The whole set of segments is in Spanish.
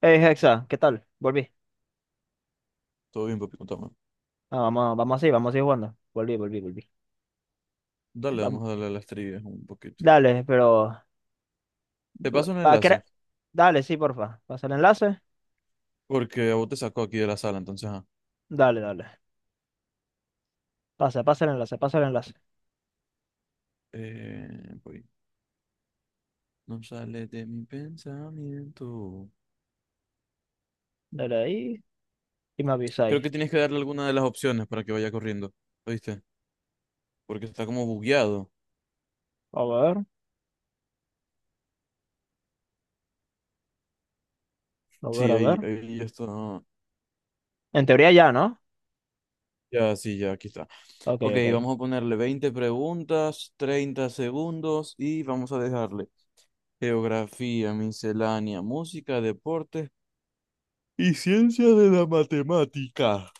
Hey, Hexa, ¿qué tal? Volví. Todo bien, papi, contame. Vamos, vamos así jugando. Volví, volví, volví. Dale, Vam- vamos a darle a las trivias un poquito. dale, pero... Te paso un va, ¿qué enlace, era? Dale, sí, porfa. Pasa el enlace. porque a vos te sacó aquí de la sala, entonces, ajá. Dale, dale. Pasa, pasa el enlace, pasa el enlace. Eh, voy. No sale de mi pensamiento. Dale ahí y me Creo avisáis. que tienes que darle alguna de las opciones para que vaya corriendo, ¿oíste? Porque está como bugueado. A ver, a ver, Sí, a ahí, ver. ahí ya está. En teoría ya, ¿no? Ya, sí, ya, aquí está. Ok, Ok, ok. vamos a ponerle 20 preguntas, 30 segundos y vamos a dejarle geografía, miscelánea, música, deportes y ciencia de la matemática.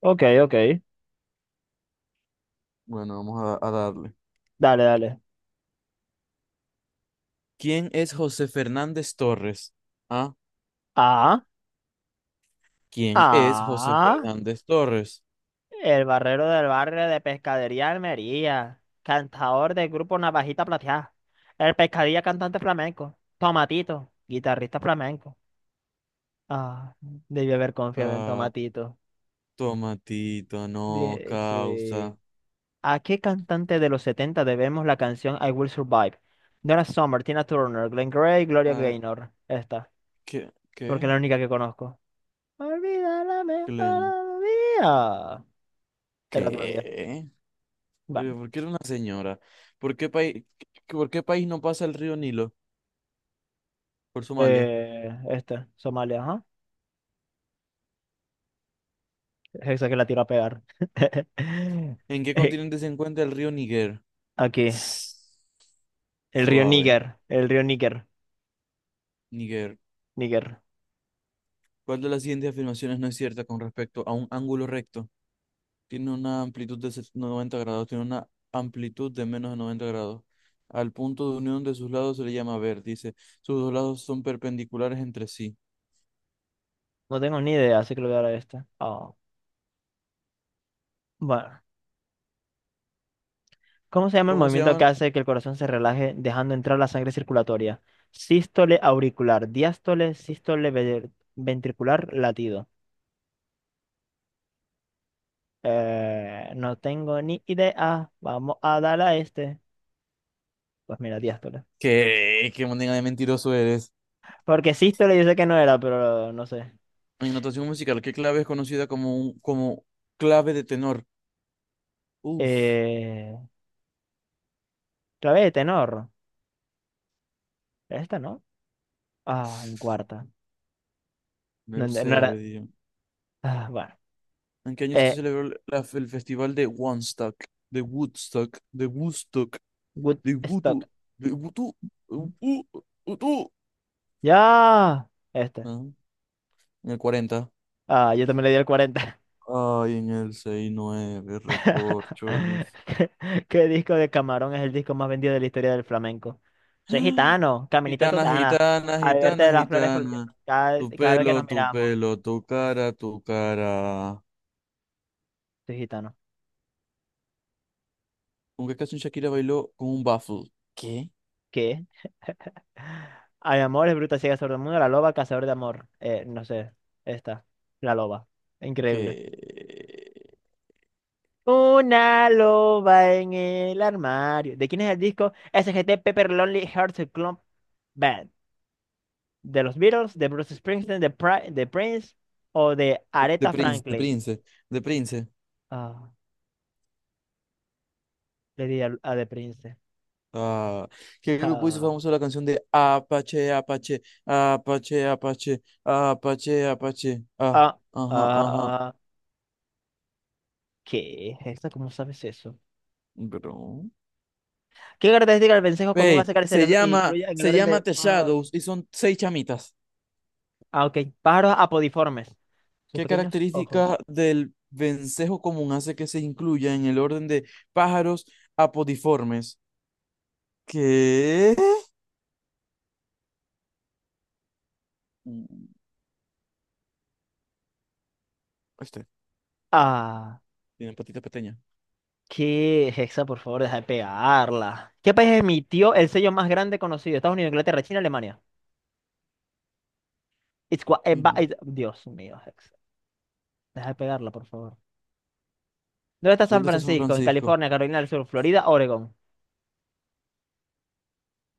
Ok, ok. Bueno, vamos a darle. Dale, dale. ¿Quién es José Fernández Torres? Ah, Ah, ¿quién es José ah. Fernández Torres? El barrero del barrio de Pescadería Almería. Cantador del grupo Navajita Plateada. El pescadilla cantante flamenco. Tomatito, guitarrista flamenco. Ah, debí haber confiado en Ah, Tomatito. tomatito, no, causa. Sí. ¿A qué cantante de los 70 debemos la canción I Will Survive? Donna Summer, Tina Turner, Glenn Gray, Gloria Ah, Gaynor. Esta, ¿qué? porque es ¿Qué? la única que conozco. Olvida la Glenn. mejor vida. Era Gloria. ¿Qué? Bueno, ¿Pero por qué era una señora? ¿Por qué país, por qué país no pasa el río Nilo? Por Somalia. Esta, Somalia, ajá. Esa que la tiro a pegar. ¿En qué Eh, continente se encuentra el río Níger? Aquí, el río Suave. Níger, Níger. Níger. ¿Cuál de las siguientes afirmaciones no es cierta con respecto a un ángulo recto? Tiene una amplitud de 90 grados, tiene una amplitud de menos de 90 grados. Al punto de unión de sus lados se le llama vértice. Sus dos lados son perpendiculares entre sí. No tengo ni idea, así que lo voy a dar a esta. Ah, bueno, ¿cómo se llama el ¿Cómo se movimiento que llaman? hace que el corazón se relaje dejando entrar la sangre circulatoria? Sístole auricular, diástole, ventricular, latido. No tengo ni idea. Vamos a dar a este. Pues mira, diástole. ¿Qué manera de mentiroso eres? Porque sístole yo sé que no era, pero no sé. En notación musical, ¿qué clave es conocida como clave de tenor? Uf, Eh, clave de tenor. Esta, ¿no? Ah, en cuarta. No, no tercera le era. digo. Ah, bueno. ¿En qué año se Eh, celebró el festival de Woodstock? De Woodstock, de Woodstock, de Woodstock. Woodstock, de Woodstock, de Woodstock, Ya. Este. Ajá. En el 40. Ah, yo también le di el 40. Ay, en el 69, recorcholis. ¿Qué disco de Camarón es el disco más vendido de la historia del flamenco? Soy gitano, caminito de Gitana, totana. gitana, Al verte gitana, de las flores por- gitana. Tu Cada vez pelo, que nos tu miramos. pelo, tu cara, tu cara. Soy gitano. ¿Con qué canción Shakira bailó con un baffle? ¿Qué? ¿Qué? Hay amores, bruta, ciega, sordomuda, la loba, cazador de amor. No sé, esta. La loba. ¿Qué? Increíble. Una loba en el armario. ¿De quién es el disco? SGT Pepper Lonely Hearts Club Band. ¿De los Beatles, de Bruce Springsteen, de Prince o de De Aretha Prince, de Franklin? Prince, de Prince. Ah, le di al- a, de Prince. Ah, ¿qué grupo hizo Ah, famoso la canción de Apache, Apache, Apache, Apache, Apache, Apache? Ah, ah, ajá, ah, ajá. ah. ¿Qué es esto? ¿Cómo sabes eso? Bro. ¿Qué característica del vencejo común Ve, hace que se se le llama, incluye en el se orden llama de The pájaros? Shadows y son seis chamitas. Ah, ok. Pájaros apodiformes. Sus ¿Qué pequeños característica ojos. del vencejo común hace que se incluya en el orden de pájaros apodiformes? ¿Qué? Mm, Este, Ah, tiene patita pequeña. ¿qué es esa? Por favor, deja de pegarla. ¿Qué país emitió el sello más grande conocido? Estados Unidos, Inglaterra, China, Alemania. It's gua- ba- Fina. it- Dios mío, Hexa. Deja de pegarla, por favor. ¿Dónde está San ¿Dónde está San Francisco? En Francisco? California, Carolina del Sur, Florida, Oregón.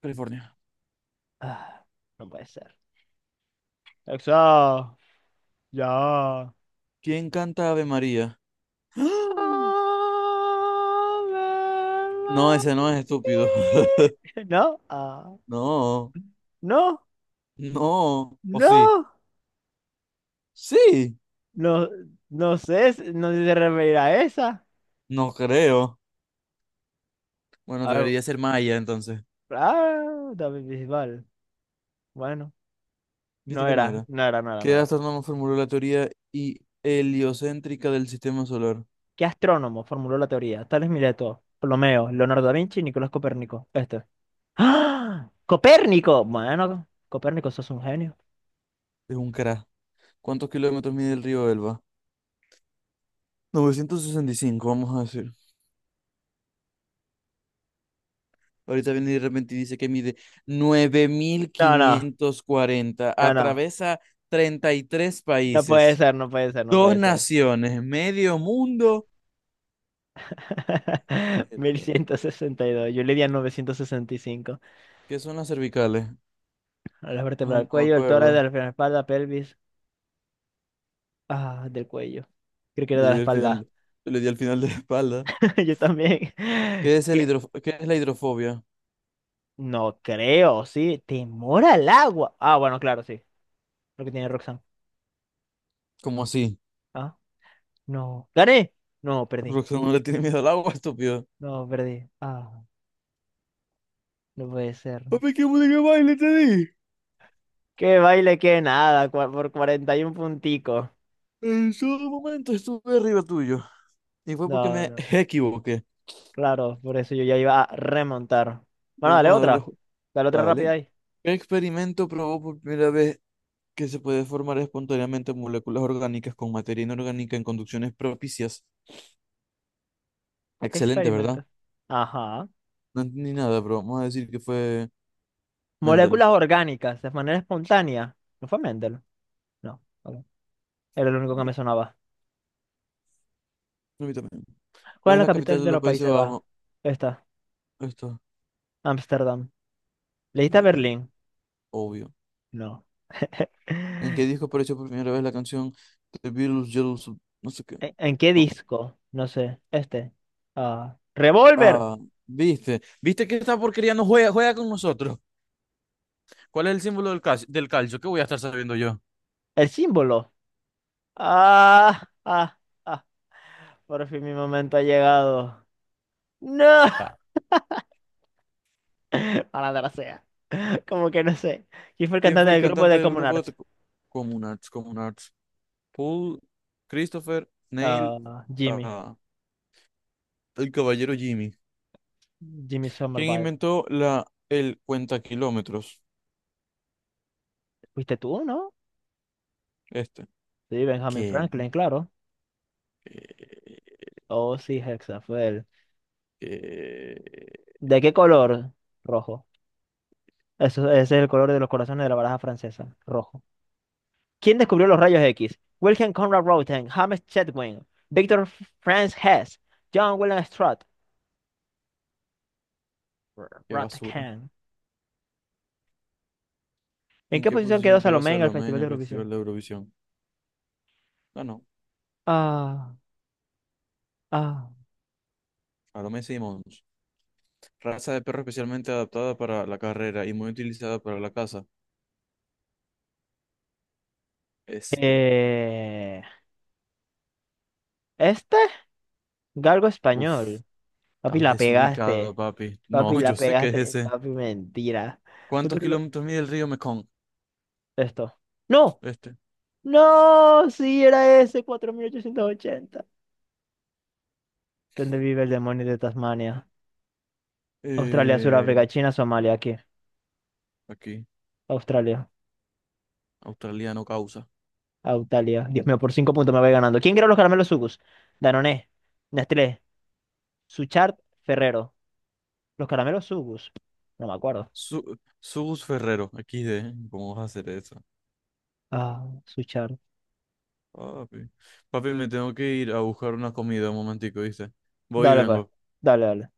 California. Ah, no puede ser. Exacto. Ya. ¿Quién canta Ave María? ¡Ah! No, ese no es estúpido. ¿No? Ah. No, No, no. ¿O sí? no, Sí, no, no sé, no sé si se referirá a esa. no creo. Bueno, A ver, debería ser Maya entonces. ah, David Bisbal. Bueno, ¿Viste no que no era, era? no era, no era, no Que era. astrónomo formuló la teoría heliocéntrica del sistema solar? ¿Qué astrónomo formuló la teoría? Tales Mileto, Ptolomeo, Leonardo da Vinci, Nicolás Copérnico. Este. ¡Ah! Copérnico. Bueno, Copérnico, sos un genio. Es un crack. ¿Cuántos kilómetros mide el río Elba? 965, vamos a decir. Ahorita viene y de repente y dice que mide nueve mil No, no, quinientos cuarenta. no, no. Atraviesa 33 No puede países, ser, no puede ser, no dos puede ser. naciones, medio mundo. 1162. Yuridia 965. ¿Qué son las cervicales? La vértebra Ay, del no me cuello, el tórax, acuerdo. de la espalda, pelvis. Ah, del cuello. Creo que era Yo de le la di al final, espalda. yo le di al final de la espalda. Yo también. ¿Qué? ¿Qué es la hidrofobia? No creo, sí. Temor al agua. Ah, bueno, claro, sí. Lo que tiene Roxanne. ¿Cómo así? Ah, no. ¿Gané? No, perdí. Roxanne no le tiene miedo al agua, estúpido. No, perdí. Ah, no puede ser. Papi, qué música de baile te di. Qué baile, qué nada, por 41 punticos. En su momento estuve arriba tuyo. Y fue porque No, me no, equivoqué. claro, por eso yo ya iba a remontar. Bueno, Vamos a darle. Dale otra rápida Dale. ahí. ¿Qué experimento probó por primera vez que se puede formar espontáneamente moléculas orgánicas con materia inorgánica en conducciones propicias? Excelente, ¿verdad? Experimento. Ajá. No entendí nada, pero vamos a decir que fue Mendel. Moléculas orgánicas, de manera espontánea. ¿No fue Mendel? No, ok. Era el único que Mi- me sonaba. a mí también. ¿Cuál ¿Cuál es es la la capital capital de de los los Países Países Bajos? Bajos? Esta, Esto, Ámsterdam. ¿Leíste que Berlín? obvio. No. ¿En qué ¿En, disco apareció por primera vez la canción The Beatles Yellow Sub- No sé qué. ¿en qué Oh, disco? No sé. Este. Ah. Revolver. ah, viste que esta porquería no juega, juega con nosotros. ¿Cuál es el símbolo del calcio? ¿Del calcio? ¿Qué voy a estar sabiendo yo? El símbolo. Ah, ah, ah. Por fin mi momento ha llegado. ¡No! Ah, Malandra sea. Como que no sé. ¿Quién fue el ¿quién cantante fue el del grupo cantante de del Common grupo Arts? de Common Arts? Common Arts. Paul, Christopher, Neil, Ah, Jimmy. ah, el caballero Jimmy. Jimmy ¿Quién Somerville. inventó la, el cuenta kilómetros? ¿Fuiste tú, no? Este. Sí, Benjamin ¿Qué? Franklin, claro. ¿Qué, Oh, sí, Hexa, fue él. qué- ¿De qué color? Rojo. Eso, ese es el color de los corazones de la baraja francesa. Rojo. ¿Quién descubrió los rayos X? Wilhelm Conrad Röntgen, James Chadwick, Victor Franz Hess, John William Strutt. Qué basura? Rotterdam. ¿En ¿En qué qué posición quedó posición quedó Salomé en el Salomé en Festival de el Eurovisión? Festival de Eurovisión? No, no. Ah. Ah, Salomé Simons. Raza de perro especialmente adaptada para la carrera y muy utilizada para la caza. Este. eh, este, galgo Uf, español. Papi, estás la desubicado, pegaste. papi. Papi, No, yo la sé que es pegaste. ese. Papi, mentira. Yo ¿Cuántos creo que lo- kilómetros mide el río Mekong? Esto. ¡No! Este. ¡No! Sí, era ese, 4880. ¿Dónde vive el demonio de Tasmania? Australia, Eh, Sudáfrica, China, Somalia, aquí. aquí. Australia, Australiano causa. Autalia. Dios mío, por 5 puntos me voy ganando. ¿Quién creó los caramelos Sugus? Danone, Nestlé, Suchard, Ferrero. Los caramelos Sugus. No me acuerdo. Su Sugus Ferrero. Aquí de. ¿Cómo vas a hacer eso? Ah, Papi. Papi, me tengo que ir a buscar una comida un momentico, ¿viste? Voy y dale, pues. vengo. Dale, dale.